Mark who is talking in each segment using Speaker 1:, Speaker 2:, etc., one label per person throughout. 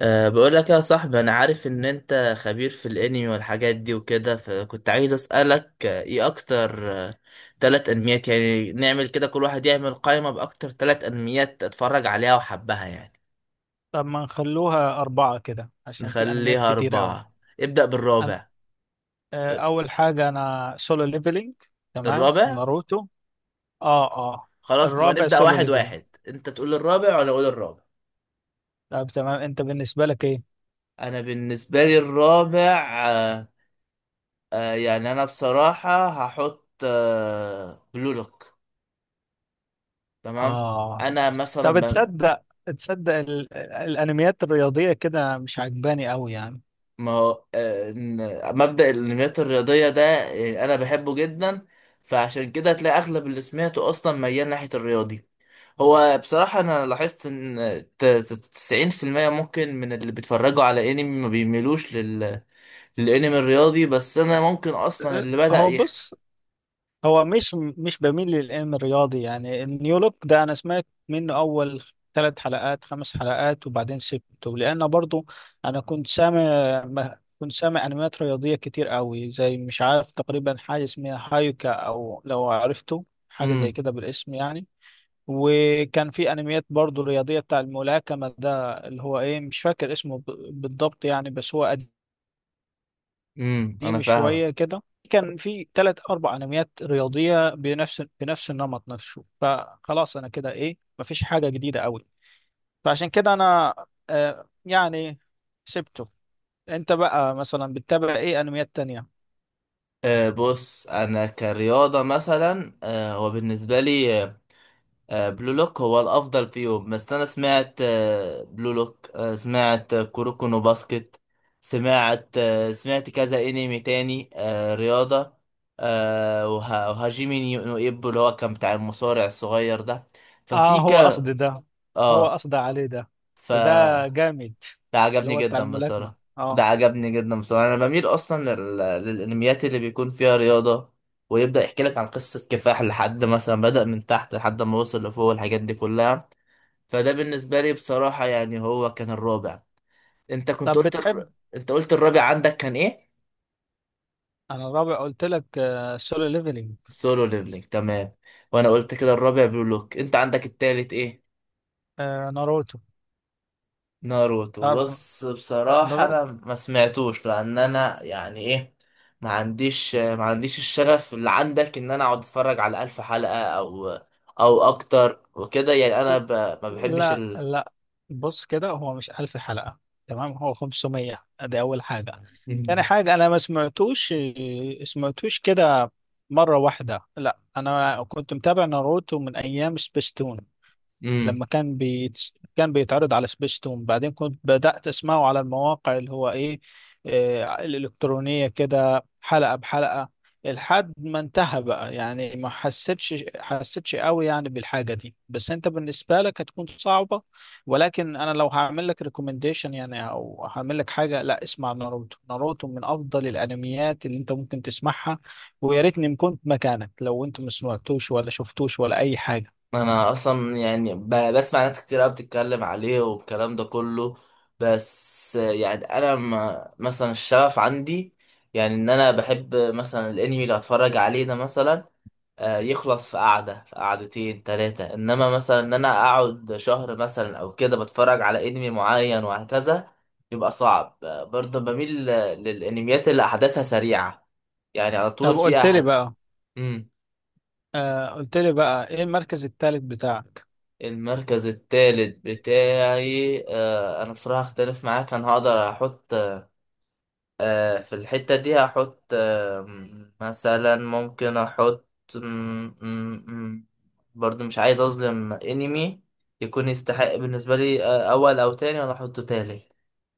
Speaker 1: أه بقول لك يا صاحبي انا عارف ان انت خبير في الانمي والحاجات دي وكده فكنت عايز اسالك ايه اكتر تلات انميات، يعني نعمل كده كل واحد يعمل قائمة باكتر تلات انميات اتفرج عليها وحبها يعني.
Speaker 2: طب ما نخلوها أربعة كده عشان في أنميات
Speaker 1: نخليها
Speaker 2: كتير أوي.
Speaker 1: اربعة. ابدأ
Speaker 2: أنا
Speaker 1: بالرابع.
Speaker 2: أول حاجة أنا سولو ليفلينج. تمام
Speaker 1: الرابع.
Speaker 2: ناروتو. آه آه.
Speaker 1: خلاص نبقى
Speaker 2: الرابع
Speaker 1: نبدأ
Speaker 2: سولو
Speaker 1: واحد
Speaker 2: ليفلينج.
Speaker 1: واحد، انت تقول الرابع وانا اقول الرابع.
Speaker 2: طب تمام، أنت بالنسبة لك إيه؟
Speaker 1: انا بالنسبة لي الرابع يعني انا بصراحة هحط بلولوك. تمام.
Speaker 2: آه.
Speaker 1: انا
Speaker 2: طب
Speaker 1: مثلا.
Speaker 2: تصدق، تصدق الأنميات الرياضية كده مش عجباني أوي يعني.
Speaker 1: ما هو مبدأ الانميات الرياضية ده أنا بحبه جدا، فعشان كده هتلاقي أغلب اللي سمعته أصلا ميال ناحية الرياضي. هو بصراحة أنا لاحظت إن 90% ممكن من اللي بيتفرجوا على أنمي ما بيميلوش لل... للأنمي الرياضي، بس أنا ممكن أصلا
Speaker 2: أه،
Speaker 1: اللي بدأ
Speaker 2: هو
Speaker 1: يخ.
Speaker 2: بص، هو مش بميل للعلم الرياضي يعني النيولوج ده، انا سمعت منه اول ثلاث حلقات خمس حلقات وبعدين سبته لان برضو انا كنت سامع. كنت سامع انميات رياضيه كتير قوي زي مش عارف تقريبا حاجه اسمها هايوكا او لو عرفته حاجه زي
Speaker 1: امم
Speaker 2: كده بالاسم يعني. وكان في انميات برضو رياضيه بتاع الملاكمه ده اللي هو ايه، مش فاكر اسمه بالضبط يعني، بس هو
Speaker 1: أنا
Speaker 2: قديم
Speaker 1: فاهمك.
Speaker 2: شوية كده. كان في ثلاث أربع أنميات رياضية بنفس بنفس النمط نفسه، فخلاص أنا كده إيه، مفيش حاجة جديدة أوي. فعشان كده أنا آه يعني سبته. أنت بقى مثلا بتتابع إيه أنميات تانية؟
Speaker 1: أه بص، أنا كرياضة مثلا، أه هو بالنسبة لي بلو لوك هو الافضل فيهم. بس انا سمعت بلو لوك، سمعت كوروكو نو باسكت، سمعت سمعت كذا انمي تاني رياضة، وهاجيمي نيو نو ايبو، اللي هو كان بتاع المصارع الصغير ده. ففي
Speaker 2: آه
Speaker 1: ك،
Speaker 2: هو قصدي ده، هو
Speaker 1: اه،
Speaker 2: قصدي عليه ده.
Speaker 1: ف،
Speaker 2: ده جامد،
Speaker 1: ده
Speaker 2: اللي
Speaker 1: عجبني
Speaker 2: هو بتاع
Speaker 1: جدا
Speaker 2: الملاكمة
Speaker 1: بصراحة ده
Speaker 2: آه.
Speaker 1: عجبني جدا بصراحة. انا بميل اصلا لل... للانميات اللي بيكون فيها رياضة، ويبدأ يحكي لك عن قصة كفاح لحد مثلا بدأ من تحت لحد ما وصل لفوق، الحاجات دي كلها. فده بالنسبة لي بصراحة، يعني هو كان الرابع. انت كنت
Speaker 2: طب
Speaker 1: قلت
Speaker 2: بتحب.
Speaker 1: الر... انت قلت الرابع عندك كان ايه؟
Speaker 2: أنا الرابع قلت لك سولو ليفلينج.
Speaker 1: سولو ليفلينج، تمام. وانا قلت كده الرابع بلو لوك. انت عندك التالت ايه؟
Speaker 2: آه Solo Leveling. ناروتو.
Speaker 1: ناروتو.
Speaker 2: تعرف
Speaker 1: بص بصراحة
Speaker 2: ناروتو.
Speaker 1: انا ما سمعتوش لان انا يعني ايه، ما عنديش ما عنديش الشغف اللي عندك ان انا اقعد اتفرج على 1000 حلقة او او اكتر وكده. يعني انا ب... ما بحبش
Speaker 2: لا
Speaker 1: ال...
Speaker 2: لا، بص كده هو مش 1000 حلقة، تمام؟ هو 500، دي أول حاجة. تاني حاجة أنا ما سمعتوش، سمعتوش كده مرة واحدة، لا. أنا كنت متابع ناروتو من أيام سبيستون،
Speaker 1: مم.
Speaker 2: لما كان كان بيتعرض على سبيستون، بعدين كنت بدأت أسمعه على المواقع اللي هو إيه، الإلكترونية كده حلقة بحلقة لحد ما انتهى بقى. يعني ما حسيتش، حسيتش قوي يعني بالحاجة دي، بس انت بالنسبة لك هتكون صعبة. ولكن انا لو هعمل لك ريكومنديشن يعني او هعمل لك حاجة، لا، اسمع ناروتو. ناروتو من افضل الانميات اللي انت ممكن تسمعها، ويا ريتني ما كنت مكانك لو انت ما سمعتوش ولا شفتوش ولا اي حاجة.
Speaker 1: انا اصلا يعني بسمع ناس كتير قوي بتتكلم عليه والكلام ده كله، بس يعني انا ما مثلا الشغف عندي يعني ان انا بحب مثلا الانمي اللي اتفرج عليه ده مثلا يخلص في قعده، في قعدتين ثلاثه. انما مثلا ان انا اقعد شهر مثلا او كده بتفرج على انمي معين وهكذا، يبقى صعب. برضه بميل للانميات اللي احداثها سريعه، يعني على طول
Speaker 2: طب
Speaker 1: في
Speaker 2: قلت لي
Speaker 1: احد.
Speaker 2: بقى، آه قلت لي بقى ايه المركز الثالث بتاعك؟
Speaker 1: المركز الثالث بتاعي، آه انا بصراحة اختلف معاك. انا هقدر احط آه في الحتة دي، هحط مثلا ممكن احط م- م- م- برضو مش عايز اظلم انمي يكون يستحق بالنسبة لي آه اول او تاني انا احطه تالت.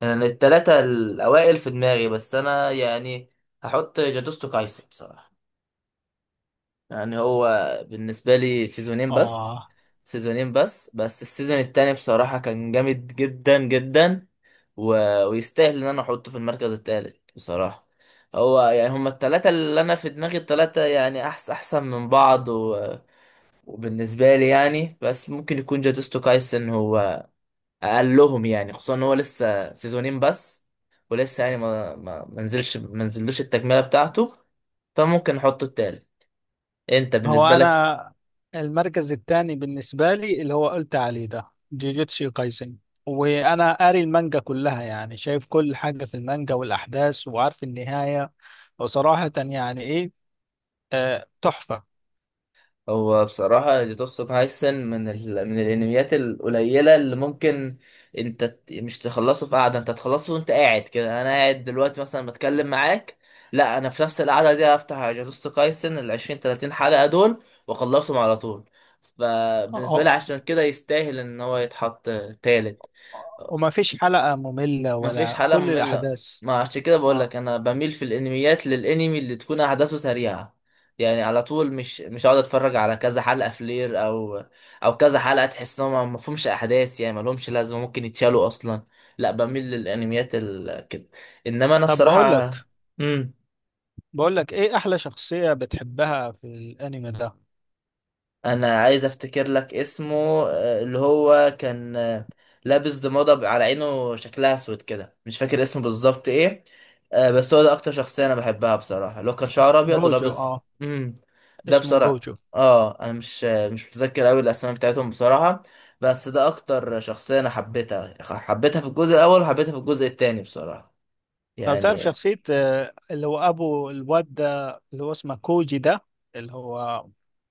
Speaker 1: يعني التلاتة الاوائل في دماغي. بس انا يعني هحط جادوستو كايسن بصراحة. يعني هو بالنسبة لي سيزونين بس،
Speaker 2: اه.
Speaker 1: سيزونين بس، بس السيزون التاني بصراحة كان جامد جدا جدا، و... ويستاهل ان انا احطه في المركز التالت بصراحة. هو يعني هما التلاتة اللي انا في دماغي، التلاتة يعني احسن احسن من بعض، و... وبالنسبة لي يعني بس ممكن يكون جاتوستو كايسن هو اقلهم، يعني خصوصا ان هو لسه سيزونين بس، ولسه يعني ما نزلش، ما نزلوش التكملة بتاعته، فممكن احطه التالت. انت
Speaker 2: هو
Speaker 1: بالنسبة لك؟
Speaker 2: انا المركز الثاني بالنسبه لي اللي هو قلت عليه ده، جيجيتسو كايسن. وانا قاري المانجا كلها، يعني شايف كل حاجه في المانجا والاحداث، وعارف النهايه. وصراحه يعني ايه، آه تحفه.
Speaker 1: هو بصراحة جوتوتسو كايسن من ال... من الانميات القليلة اللي ممكن انت مش تخلصه في قعدة، انت تخلصه وانت قاعد كده. انا قاعد دلوقتي مثلا بتكلم معاك، لا انا في نفس القعدة دي هفتح جوتوتسو كايسن ال 20 30 حلقة دول واخلصهم على طول. فبالنسبة لي
Speaker 2: آه،
Speaker 1: عشان كده يستاهل ان هو يتحط تالت.
Speaker 2: وما فيش حلقه ممله
Speaker 1: ما فيش
Speaker 2: ولا
Speaker 1: حلقة
Speaker 2: كل
Speaker 1: مملة،
Speaker 2: الاحداث.
Speaker 1: ما عشان كده بقول
Speaker 2: اه.
Speaker 1: لك انا بميل في الانميات للانمي اللي تكون احداثه سريعة، يعني على طول، مش هقعد اتفرج على كذا حلقة فلير او او كذا حلقة تحس انهم ما فيهمش احداث، يعني ما لهمش لازمة ممكن يتشالوا اصلا. لا بميل للانميات ال... كده. انما انا
Speaker 2: طب بقول
Speaker 1: بصراحة.
Speaker 2: لك،
Speaker 1: امم،
Speaker 2: بقول لك ايه احلى شخصيه بتحبها في الانمي ده؟
Speaker 1: انا عايز افتكر لك اسمه. اللي هو كان لابس ضمادة على عينه شكلها اسود كده، مش فاكر اسمه بالظبط ايه. بس هو ده اكتر شخصية انا بحبها بصراحة، اللي هو كان شعره ابيض
Speaker 2: جوجو،
Speaker 1: ولابس.
Speaker 2: اه.
Speaker 1: امم، ده
Speaker 2: اسمه
Speaker 1: بصراحة.
Speaker 2: جوجو.
Speaker 1: اه انا مش متذكر قوي الاسماء بتاعتهم بصراحة، بس ده اكتر شخصية انا حبيتها، حبيتها في الجزء الاول وحبيتها في الجزء التاني بصراحة
Speaker 2: طب تعرف
Speaker 1: يعني.
Speaker 2: شخصية اللي هو أبو الواد ده اللي هو اسمه كوجي ده، اللي هو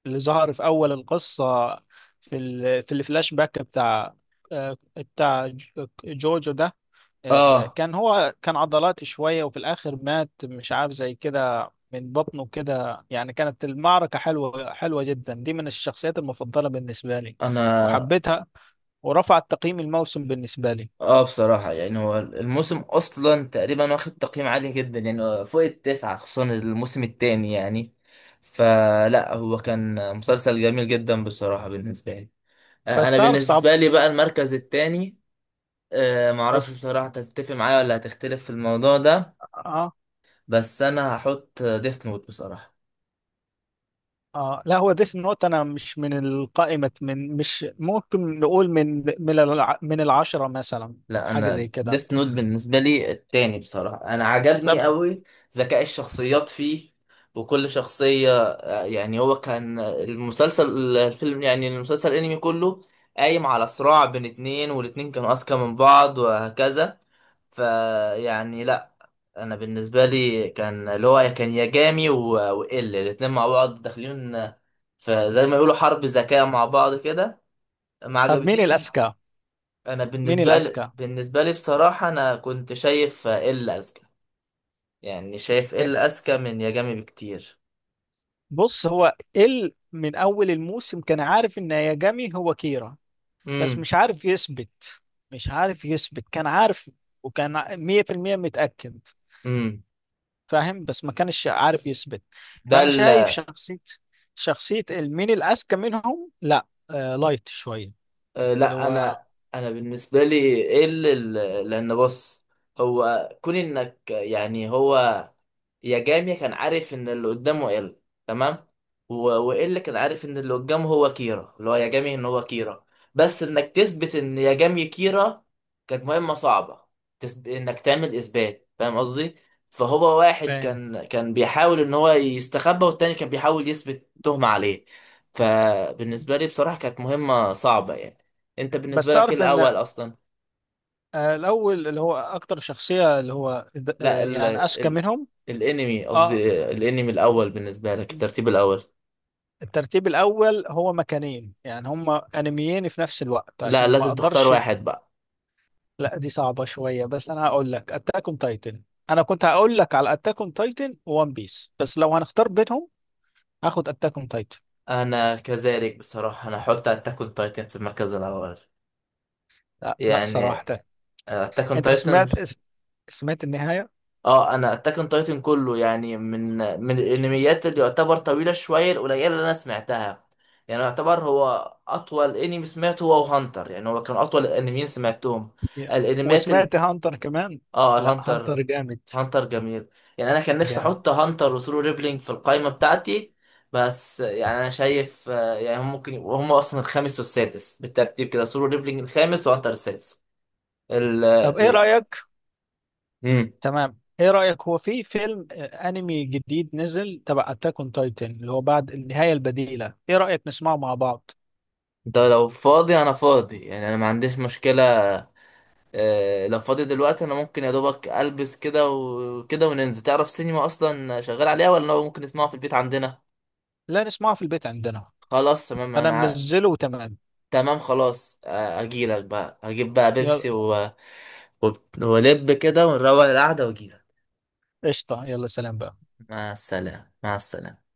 Speaker 2: اللي ظهر في أول القصة، في في الفلاش باك بتاع، بتاع جوجو ده،
Speaker 1: اه
Speaker 2: كان هو كان عضلاتي شوية وفي الآخر مات، مش عارف زي كده من بطنه كده يعني. كانت المعركة حلوة، حلوة جدا. دي من الشخصيات المفضلة بالنسبة لي،
Speaker 1: انا.
Speaker 2: وحبيتها، ورفعت تقييم الموسم بالنسبة لي.
Speaker 1: اه بصراحة يعني هو الموسم أصلا تقريبا واخد تقييم عالي جدا، يعني فوق التسعة، خصوصا الموسم التاني يعني. فلا، هو كان مسلسل جميل جدا بصراحة بالنسبة لي.
Speaker 2: بس
Speaker 1: أنا
Speaker 2: تعرف صعب،
Speaker 1: بالنسبة لي بقى المركز التاني، معرفش
Speaker 2: بس
Speaker 1: بصراحة أنت هتتفق معايا ولا هتختلف في الموضوع ده،
Speaker 2: اه
Speaker 1: بس أنا هحط ديث نوت بصراحة.
Speaker 2: اه. لا هو ديث نوت، انا مش من القائمة، من مش ممكن نقول من من العشرة مثلا
Speaker 1: لا
Speaker 2: حاجة زي
Speaker 1: انا
Speaker 2: كده.
Speaker 1: ديث نوت بالنسبه لي التاني بصراحه، انا عجبني
Speaker 2: طب.
Speaker 1: قوي ذكاء الشخصيات فيه. وكل شخصيه يعني هو كان المسلسل الفيلم يعني المسلسل الانمي كله قايم على صراع بين اتنين، والاتنين كانوا اذكى من بعض وهكذا. فيعني لا، انا بالنسبه لي كان اللي هو كان ياجامي وال الاتنين مع بعض داخلين في زي ما يقولوا حرب ذكاء مع بعض كده. ما
Speaker 2: طب مين
Speaker 1: عجبتنيش.
Speaker 2: الأذكى؟
Speaker 1: انا
Speaker 2: مين
Speaker 1: بالنسبه لي
Speaker 2: الأذكى؟
Speaker 1: بالنسبه لي بصراحه انا كنت شايف ال اذكى، يعني شايف
Speaker 2: إيه،
Speaker 1: ال اذكى من يا جامي بكتير.
Speaker 2: بص هو ال من اول الموسم كان عارف ان ياجامي هو كيرا، بس
Speaker 1: امم
Speaker 2: مش عارف يثبت، مش عارف يثبت. كان عارف وكان 100% متأكد،
Speaker 1: امم
Speaker 2: فاهم، بس ما كانش عارف يثبت. فانا
Speaker 1: ده
Speaker 2: شايف شخصية، شخصية مين الأذكى منهم، لا آه لايت شوية
Speaker 1: أه
Speaker 2: اللي
Speaker 1: لا
Speaker 2: هو.
Speaker 1: انا. انا بالنسبه لي ايه اللي لان بص، هو كون انك يعني هو يا جامي كان عارف ان اللي قدامه ال، تمام، والا كان عارف ان اللي قدامه هو كيرا، اللي هو يا جامي ان هو كيرا، بس انك تثبت ان يا جامي كيرا كانت مهمه صعبه. تثب... انك تعمل اثبات، فاهم قصدي؟ فهو واحد
Speaker 2: فاهم.
Speaker 1: كان بيحاول ان هو يستخبى والتاني كان بيحاول يثبت تهمه عليه. فبالنسبه لي بصراحه كانت مهمه صعبه يعني. انت
Speaker 2: بس
Speaker 1: بالنسبه لك ايه
Speaker 2: تعرف
Speaker 1: الاول
Speaker 2: ان
Speaker 1: اصلا؟
Speaker 2: الاول اللي هو اكتر شخصية اللي هو
Speaker 1: لا ال
Speaker 2: يعني اذكى
Speaker 1: ال
Speaker 2: منهم.
Speaker 1: الانمي
Speaker 2: اه.
Speaker 1: قصدي، الانمي الاول بالنسبه لك الترتيب الاول.
Speaker 2: الترتيب الاول هو مكانين، يعني هما انميين في نفس الوقت
Speaker 1: لا
Speaker 2: عشان ما
Speaker 1: لازم تختار
Speaker 2: اقدرش.
Speaker 1: واحد بقى.
Speaker 2: لا دي صعبة شوية، بس انا هقول لك اتاك اون تايتن. انا كنت هقول لك على اتاك اون تايتن وون بيس، بس لو هنختار بينهم هاخد اتاك اون تايتن.
Speaker 1: انا كذلك بصراحه، انا احط اتاك اون تايتن في المركز الاول
Speaker 2: لا لا
Speaker 1: يعني.
Speaker 2: صراحة.
Speaker 1: اتاك اون
Speaker 2: انت
Speaker 1: تايتن،
Speaker 2: سمعت سمعت النهاية؟
Speaker 1: اه انا اتاك اون تايتن كله، يعني من من الانميات اللي يعتبر طويله شويه القليله اللي انا سمعتها. يعني يعتبر هو اطول انمي سمعته، هو هانتر، يعني هو كان اطول الانميين سمعتهم.
Speaker 2: يا.
Speaker 1: الانميات ال...
Speaker 2: وسمعت هانتر كمان.
Speaker 1: اه
Speaker 2: لا هانتر
Speaker 1: هانتر،
Speaker 2: جامد،
Speaker 1: هانتر جميل. يعني انا كان نفسي
Speaker 2: جامد.
Speaker 1: احط هانتر وسولو ليفلينج في القائمه بتاعتي، بس يعني انا شايف يعني هم ممكن يبقوا هم اصلا الخامس والسادس بالترتيب كده، سولو ليفلينج الخامس وهانتر السادس. ال
Speaker 2: طب ايه
Speaker 1: ال،
Speaker 2: رأيك.
Speaker 1: امم.
Speaker 2: تمام، ايه رأيك، هو في فيلم انمي جديد نزل تبع اتاك اون تايتن اللي هو بعد النهاية البديلة، ايه رأيك نسمعه مع بعض؟
Speaker 1: انت لو فاضي انا فاضي، يعني انا ما عنديش مشكله. لو فاضي دلوقتي انا ممكن يا دوبك البس كده وكده وننزل. تعرف سينما اصلا شغال عليها ولا ممكن نسمعها في البيت عندنا؟
Speaker 2: لا، نسمعه في البيت عندنا.
Speaker 1: خلاص تمام
Speaker 2: انا
Speaker 1: انا.
Speaker 2: منزله وتمام.
Speaker 1: تمام خلاص، اجيلك بقى، هجيب بقى بيبسي
Speaker 2: يلا.
Speaker 1: و... و... ولب كده ونروق القعدة واجيلك.
Speaker 2: قشطة، يلا سلام بقى.
Speaker 1: مع السلامة، مع السلامة.